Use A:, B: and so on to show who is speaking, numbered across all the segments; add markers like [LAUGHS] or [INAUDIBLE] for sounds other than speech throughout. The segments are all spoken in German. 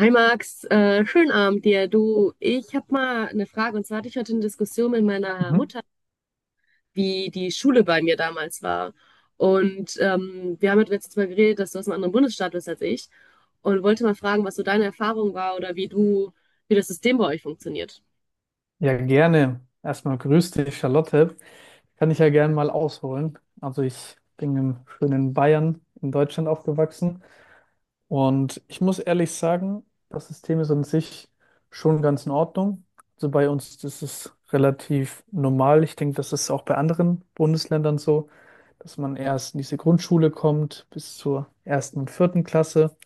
A: Hi Max, schönen Abend dir. Du, ich habe mal eine Frage. Und zwar hatte ich heute eine Diskussion mit meiner
B: Mhm.
A: Mutter, wie die Schule bei mir damals war. Wir haben halt jetzt mal geredet, dass du aus einem anderen Bundesstaat bist als ich. Und wollte mal fragen, was so deine Erfahrung war, oder wie du, wie das System bei euch funktioniert.
B: Ja, gerne. Erstmal grüß dich, Charlotte. Kann ich ja gerne mal ausholen. Also ich bin im schönen Bayern in Deutschland aufgewachsen und ich muss ehrlich sagen, das System ist an sich schon ganz in Ordnung. Also bei uns ist es relativ normal. Ich denke, das ist auch bei anderen Bundesländern so, dass man erst in diese Grundschule kommt bis zur ersten und vierten Klasse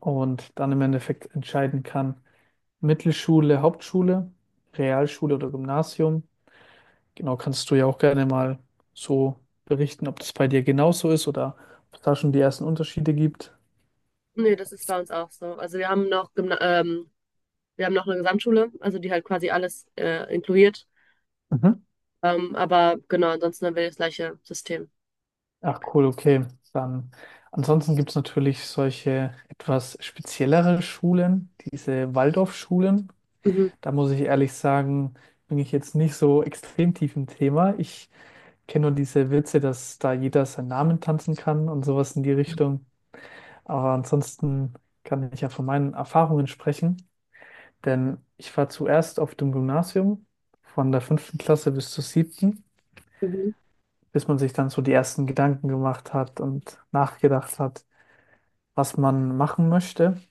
B: und dann im Endeffekt entscheiden kann. Mittelschule, Hauptschule, Realschule oder Gymnasium. Genau, kannst du ja auch gerne mal so berichten, ob das bei dir genauso ist oder ob es da schon die ersten Unterschiede gibt.
A: Nee, das ist bei uns auch so. Also wir haben noch Gymna wir haben noch eine Gesamtschule, also die halt quasi alles inkludiert.
B: Mhm.
A: Aber genau, ansonsten haben wir das gleiche System.
B: Ach cool, okay. Dann ansonsten gibt es natürlich solche etwas speziellere Schulen, diese Waldorfschulen.
A: Mhm.
B: Da muss ich ehrlich sagen, bin ich jetzt nicht so extrem tief im Thema. Ich kenne nur diese Witze, dass da jeder seinen Namen tanzen kann und sowas in die Richtung. Aber ansonsten kann ich ja von meinen Erfahrungen sprechen, denn ich war zuerst auf dem Gymnasium von der fünften Klasse bis zur siebten,
A: Mhm.
B: bis man sich dann so die ersten Gedanken gemacht hat und nachgedacht hat, was man machen möchte.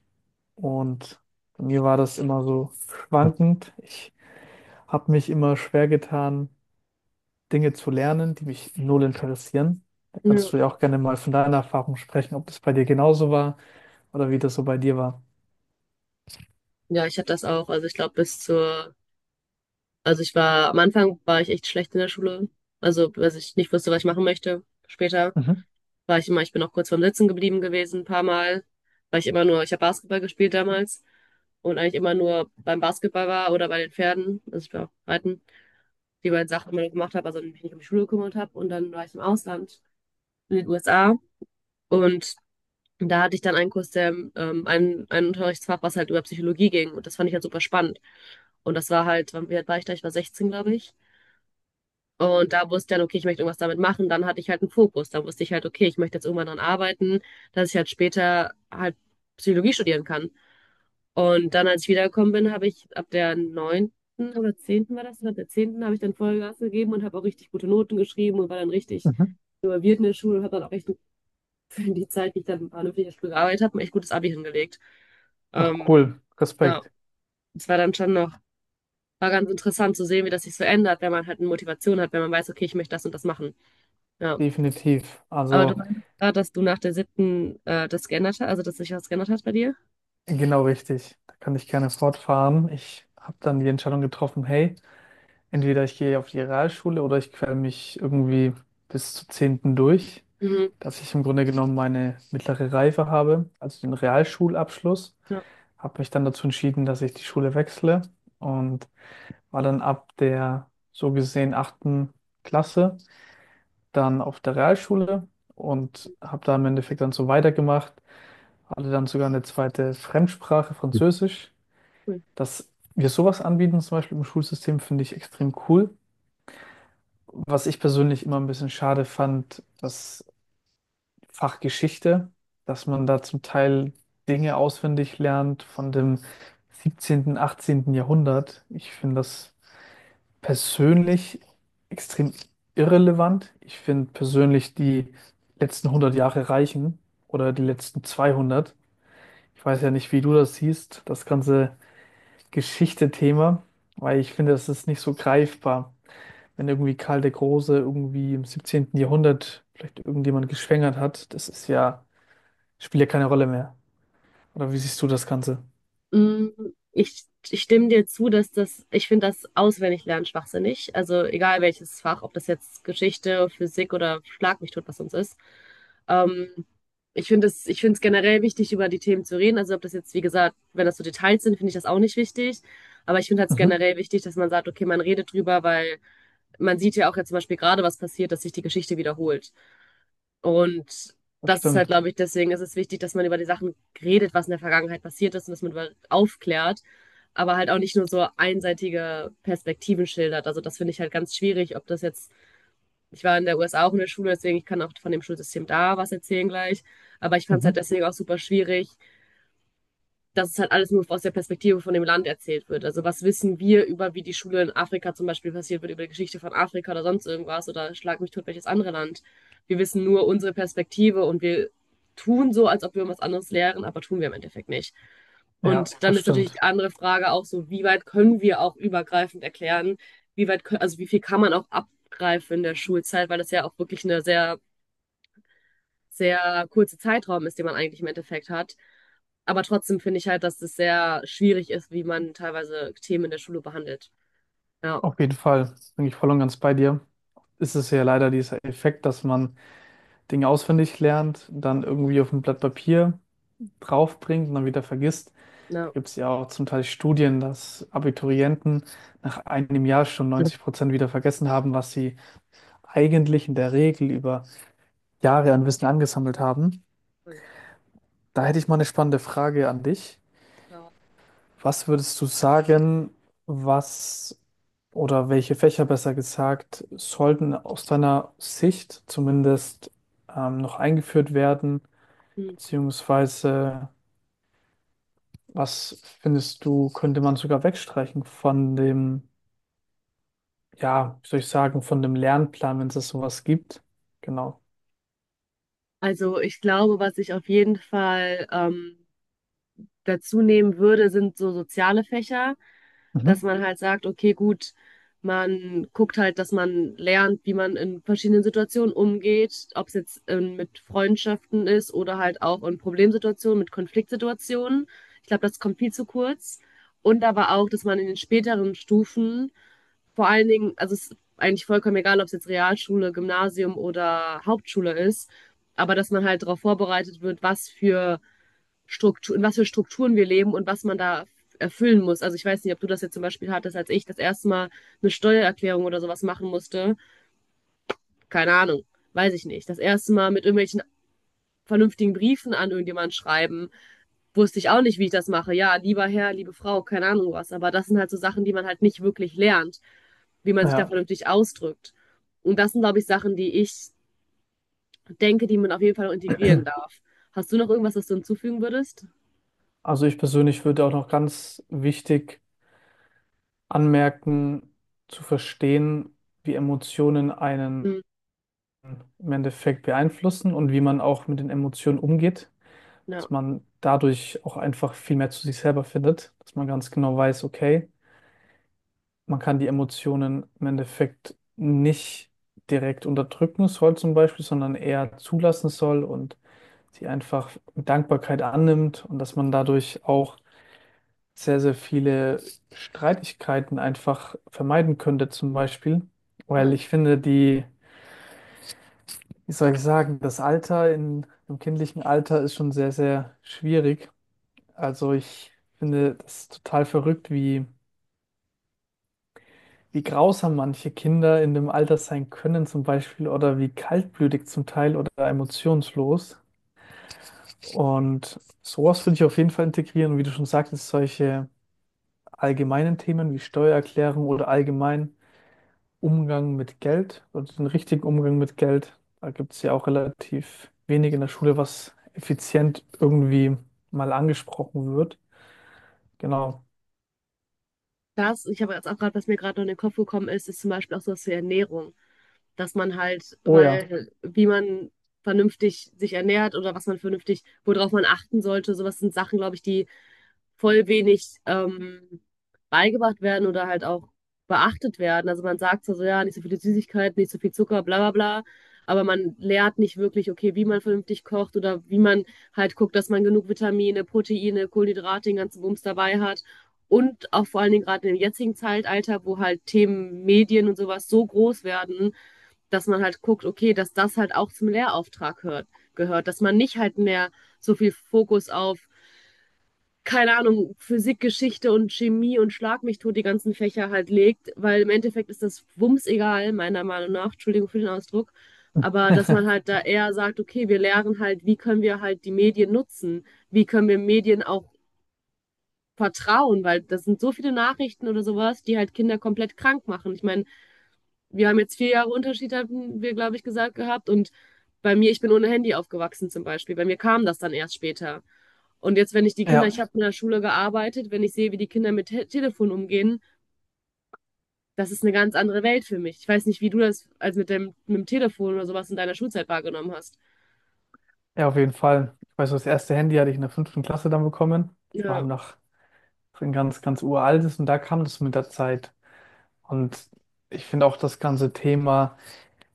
B: Und bei mir war das immer so schwankend. Ich habe mich immer schwer getan, Dinge zu lernen, die mich null interessieren. Da
A: Ja.
B: kannst du ja auch gerne mal von deiner Erfahrung sprechen, ob das bei dir genauso war oder wie das so bei dir war.
A: Ja, ich hatte das auch. Also ich glaube bis zur, Also ich war, am Anfang war ich echt schlecht in der Schule. Also, als ich nicht wusste, was ich machen möchte. Später war ich immer, ich bin auch kurz vorm Sitzen geblieben gewesen, ein paar Mal, weil ich immer nur, ich habe Basketball gespielt damals und eigentlich immer nur beim Basketball war oder bei den Pferden. Also ich war auch reiten, die beiden Sachen immer nur gemacht habe, also mich nicht um die Schule gekümmert habe. Und dann war ich im Ausland, in den USA. Und Und da hatte ich dann einen Kurs, der ein Unterrichtsfach, was halt über Psychologie ging. Und das fand ich halt super spannend. Und das war halt, wie alt war ich da? Ich war 16, glaube ich. Und da wusste ich dann, okay, ich möchte irgendwas damit machen. Dann hatte ich halt einen Fokus. Da wusste ich halt, okay, ich möchte jetzt irgendwann dran arbeiten, dass ich halt später halt Psychologie studieren kann. Und dann, als ich wiedergekommen bin, habe ich ab der neunten oder zehnten war das, ab der zehnten habe ich dann Vollgas gegeben und habe auch richtig gute Noten geschrieben und war dann richtig
B: Mhm.
A: involviert in der Schule und habe dann auch echt für die Zeit, die ich dann an einem Ferienstuhl gearbeitet habe, ein echt gutes Abi hingelegt.
B: Ach
A: Ähm,
B: cool,
A: ja,
B: Respekt,
A: es war dann schon noch, war ganz interessant zu sehen, wie das sich so ändert, wenn man halt eine Motivation hat, wenn man weiß, okay, ich möchte das und das machen. Ja.
B: definitiv.
A: Aber du
B: Also
A: meinst gerade, dass du nach der siebten das geändert hast, also dass sich das geändert hat bei dir?
B: genau richtig. Da kann ich gerne fortfahren. Ich habe dann die Entscheidung getroffen, hey, entweder ich gehe auf die Realschule oder ich quäle mich irgendwie bis zur zehnten durch,
A: Mhm.
B: dass ich im Grunde genommen meine mittlere Reife habe, also den Realschulabschluss.
A: Ja,
B: Habe mich dann dazu entschieden, dass ich die Schule wechsle und war dann ab der so gesehen achten Klasse dann auf der Realschule und habe da im Endeffekt dann so weitergemacht. Hatte dann sogar eine zweite Fremdsprache, Französisch.
A: cool.
B: Dass wir sowas anbieten, zum Beispiel im Schulsystem, finde ich extrem cool. Was ich persönlich immer ein bisschen schade fand, das Fach Geschichte, dass man da zum Teil Dinge auswendig lernt von dem 17., 18. Jahrhundert. Ich finde das persönlich extrem irrelevant. Ich finde persönlich die letzten 100 Jahre reichen oder die letzten 200. Ich weiß ja nicht, wie du das siehst, das ganze Geschichte-Thema, weil ich finde, das ist nicht so greifbar. Wenn irgendwie Karl der Große irgendwie im siebzehnten Jahrhundert vielleicht irgendjemand geschwängert hat, das ist ja, spielt ja keine Rolle mehr. Oder wie siehst du das Ganze?
A: Mm, Ich, ich stimme dir zu, dass das, ich finde das Auswendiglernen schwachsinnig. Also egal welches Fach, ob das jetzt Geschichte, Physik oder schlag mich tot, was sonst ist. Ähm, ich finde es generell wichtig, über die Themen zu reden. Also ob das jetzt, wie gesagt, wenn das so Details sind, finde ich das auch nicht wichtig. Aber ich finde halt
B: Mhm.
A: generell wichtig, dass man sagt, okay, man redet drüber, weil man sieht ja auch jetzt zum Beispiel gerade, was passiert, dass sich die Geschichte wiederholt. Und
B: Das
A: das ist halt,
B: stimmt.
A: glaube ich, deswegen ist es wichtig, dass man über die Sachen redet, was in der Vergangenheit passiert ist und dass man über aufklärt, aber halt auch nicht nur so einseitige Perspektiven schildert. Also das finde ich halt ganz schwierig, ob das jetzt, ich war in der USA auch in der Schule, deswegen ich kann auch von dem Schulsystem da was erzählen gleich, aber ich fand es halt
B: Mhm.
A: deswegen auch super schwierig, dass es halt alles nur aus der Perspektive von dem Land erzählt wird. Also was wissen wir über, wie die Schule in Afrika zum Beispiel passiert wird, über die Geschichte von Afrika oder sonst irgendwas oder schlag mich tot, welches andere Land. Wir wissen nur unsere Perspektive und wir tun so, als ob wir was anderes lehren, aber tun wir im Endeffekt nicht.
B: Ja,
A: Und dann
B: das
A: ist natürlich die
B: stimmt.
A: andere Frage auch so, wie weit können wir auch übergreifend erklären, wie weit, also wie viel kann man auch abgreifen in der Schulzeit, weil das ja auch wirklich eine sehr kurze Zeitraum ist, den man eigentlich im Endeffekt hat. Aber trotzdem finde ich halt, dass es sehr schwierig ist, wie man teilweise Themen in der Schule behandelt. Ja,
B: Auf jeden Fall bin ich voll und ganz bei dir. Ist es ja leider dieser Effekt, dass man Dinge auswendig lernt, dann irgendwie auf ein Blatt Papier draufbringt und dann wieder vergisst.
A: ja.
B: Gibt es ja auch zum Teil Studien, dass Abiturienten nach einem Jahr schon 90% wieder vergessen haben, was sie eigentlich in der Regel über Jahre an Wissen angesammelt haben.
A: Voll.
B: Da hätte ich mal eine spannende Frage an dich.
A: Ja.
B: Was würdest du sagen, was oder welche Fächer besser gesagt sollten aus deiner Sicht zumindest noch eingeführt werden?
A: Hm.
B: Beziehungsweise, was findest du, könnte man sogar wegstreichen von dem, ja, wie soll ich sagen, von dem Lernplan, wenn es das sowas gibt. Genau.
A: Also ich glaube, was ich auf jeden Fall dazu nehmen würde, sind so soziale Fächer. Dass
B: Mhm.
A: man halt sagt, okay, gut, man guckt halt, dass man lernt, wie man in verschiedenen Situationen umgeht, ob es jetzt mit Freundschaften ist oder halt auch in Problemsituationen, mit Konfliktsituationen. Ich glaube, das kommt viel zu kurz. Und aber auch, dass man in den späteren Stufen vor allen Dingen, also es ist eigentlich vollkommen egal, ob es jetzt Realschule, Gymnasium oder Hauptschule ist, aber dass man halt darauf vorbereitet wird, was für Struktur, in was für Strukturen wir leben und was man da erfüllen muss. Also ich weiß nicht, ob du das jetzt zum Beispiel hattest, als ich das erste Mal eine Steuererklärung oder sowas machen musste. Keine Ahnung, weiß ich nicht. Das erste Mal mit irgendwelchen vernünftigen Briefen an irgendjemanden schreiben, wusste ich auch nicht, wie ich das mache. Ja, lieber Herr, liebe Frau, keine Ahnung was. Aber das sind halt so Sachen, die man halt nicht wirklich lernt, wie man sich da
B: Ja,
A: vernünftig ausdrückt. Und das sind, glaube ich, Sachen, die ich denke, die man auf jeden Fall noch integrieren darf. Hast du noch irgendwas, was du hinzufügen würdest?
B: also ich persönlich würde auch noch ganz wichtig anmerken, zu verstehen, wie Emotionen einen
A: Hm,
B: im Endeffekt beeinflussen und wie man auch mit den Emotionen umgeht,
A: ja.
B: dass man dadurch auch einfach viel mehr zu sich selber findet, dass man ganz genau weiß, okay, man kann die Emotionen im Endeffekt nicht direkt unterdrücken soll zum Beispiel, sondern eher zulassen soll und die einfach Dankbarkeit annimmt und dass man dadurch auch sehr, sehr viele Streitigkeiten einfach vermeiden könnte, zum Beispiel. Weil
A: Ja.
B: ich finde, die, wie soll ich sagen, das Alter in, im kindlichen Alter ist schon sehr, sehr schwierig. Also ich finde das total verrückt, wie, wie grausam manche Kinder in dem Alter sein können, zum Beispiel, oder wie kaltblütig zum Teil oder emotionslos. Und sowas würde ich auf jeden Fall integrieren, wie du schon sagtest, solche allgemeinen Themen wie Steuererklärung oder allgemein Umgang mit Geld oder den richtigen Umgang mit Geld. Da gibt es ja auch relativ wenig in der Schule, was effizient irgendwie mal angesprochen wird. Genau.
A: Das, ich habe jetzt auch gerade, was mir gerade noch in den Kopf gekommen ist, ist zum Beispiel auch sowas wie Ernährung. Dass man halt,
B: Oh ja.
A: weil, wie man vernünftig sich ernährt oder was man vernünftig, worauf man achten sollte, sowas sind Sachen, glaube ich, die voll wenig beigebracht werden oder halt auch beachtet werden. Also man sagt zwar so, ja, nicht so viele Süßigkeiten, nicht so viel Zucker, bla bla bla, aber man lehrt nicht wirklich, okay, wie man vernünftig kocht oder wie man halt guckt, dass man genug Vitamine, Proteine, Kohlenhydrate, den ganzen Bums dabei hat. Und auch vor allen Dingen gerade im jetzigen Zeitalter, wo halt Themen Medien und sowas so groß werden, dass man halt guckt, okay, dass das halt auch zum gehört, dass man nicht halt mehr so viel Fokus auf keine Ahnung, Physik, Geschichte und Chemie und schlag mich tot die ganzen Fächer halt legt, weil im Endeffekt ist das Wumms egal, meiner Meinung nach, Entschuldigung für den Ausdruck, aber dass man
B: [LAUGHS]
A: halt da eher sagt, okay, wir lernen halt, wie können wir halt die Medien nutzen, wie können wir Medien auch vertrauen, weil das sind so viele Nachrichten oder sowas, die halt Kinder komplett krank machen. Ich meine, wir haben jetzt 4 Jahre Unterschied, hatten wir, glaube ich, gesagt gehabt. Und bei mir, ich bin ohne Handy aufgewachsen zum Beispiel. Bei mir kam das dann erst später. Und jetzt, wenn ich die Kinder,
B: Ja,
A: ich habe in der Schule gearbeitet, wenn ich sehe, wie die Kinder mit Te Telefon umgehen, das ist eine ganz andere Welt für mich. Ich weiß nicht, wie du das als mit dem Telefon oder sowas in deiner Schulzeit wahrgenommen hast.
B: ja, auf jeden Fall. Ich weiß, das erste Handy hatte ich in der fünften Klasse dann bekommen. Das war
A: Ja.
B: halt noch so ein ganz, ganz uraltes und da kam das mit der Zeit. Und ich finde auch das ganze Thema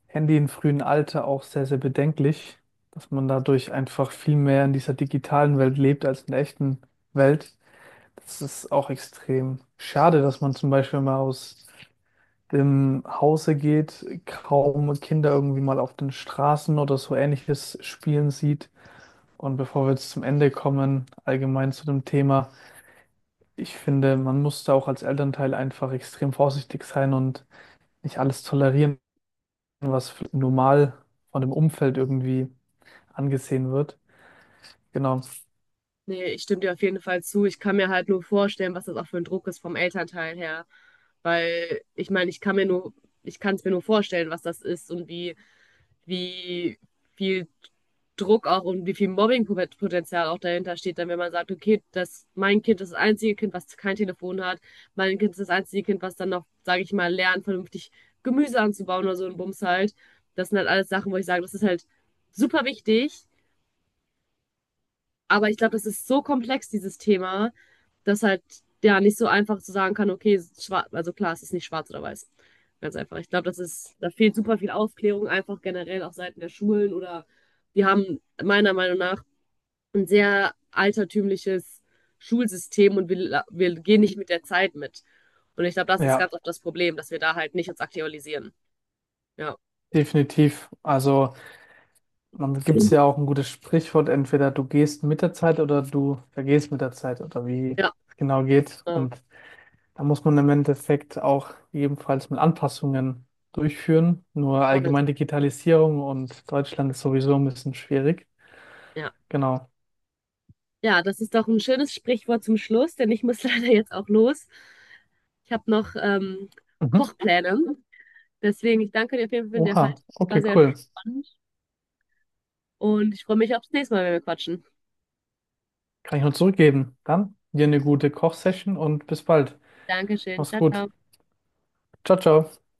B: Handy im frühen Alter auch sehr, sehr bedenklich, dass man dadurch einfach viel mehr in dieser digitalen Welt lebt als in der echten Welt. Das ist auch extrem schade, dass man zum Beispiel mal aus dem Hause geht, kaum Kinder irgendwie mal auf den Straßen oder so ähnliches spielen sieht. Und bevor wir jetzt zum Ende kommen, allgemein zu dem Thema, ich finde, man muss da auch als Elternteil einfach extrem vorsichtig sein und nicht
A: Ja.
B: alles tolerieren, was normal von dem Umfeld irgendwie angesehen wird. Genau.
A: Nee, ich stimme dir auf jeden Fall zu. Ich kann mir halt nur vorstellen, was das auch für ein Druck ist vom Elternteil her. Weil ich meine, ich kann es mir nur vorstellen, was das ist und wie wie viel Druck auch und wie viel Mobbingpotenzial auch dahinter steht, dann wenn man sagt, okay, das, mein Kind ist das einzige Kind, was kein Telefon hat, mein Kind ist das einzige Kind, was dann noch, sage ich mal, lernt, vernünftig Gemüse anzubauen oder so ein Bums halt. Das sind halt alles Sachen, wo ich sage, das ist halt super wichtig, aber ich glaube, das ist so komplex, dieses Thema, dass halt ja nicht so einfach zu sagen kann, okay, schwarz, also klar, es ist nicht schwarz oder weiß. Ganz einfach. Ich glaube, das ist, da fehlt super viel Aufklärung, einfach generell auf Seiten der Schulen, oder wir haben meiner Meinung nach ein sehr altertümliches Schulsystem und wir gehen nicht mit der Zeit mit. Und ich glaube, das ist
B: Ja,
A: ganz oft das Problem, dass wir da halt nicht uns aktualisieren. Ja.
B: definitiv. Also, man gibt es ja auch ein gutes Sprichwort, entweder du gehst mit der Zeit oder du vergehst mit der Zeit oder wie
A: Ja,
B: es genau geht.
A: äh,
B: Und da muss man im Endeffekt auch ebenfalls mit Anpassungen durchführen. Nur
A: voll.
B: allgemein Digitalisierung und Deutschland ist sowieso ein bisschen schwierig.
A: Ja.
B: Genau.
A: Ja, das ist doch ein schönes Sprichwort zum Schluss, denn ich muss [LAUGHS] leider jetzt auch los. Ich habe noch
B: Mhm.
A: Kochpläne. Deswegen, ich danke dir auf jeden Fall für den Halt.
B: Oha,
A: War
B: okay,
A: sehr
B: cool.
A: spannend und ich freue mich aufs nächste Mal, wenn wir quatschen.
B: Kann ich nur zurückgeben. Dann dir eine gute Kochsession und bis bald.
A: Dankeschön.
B: Mach's
A: Ciao,
B: gut.
A: ciao.
B: Ciao, ciao.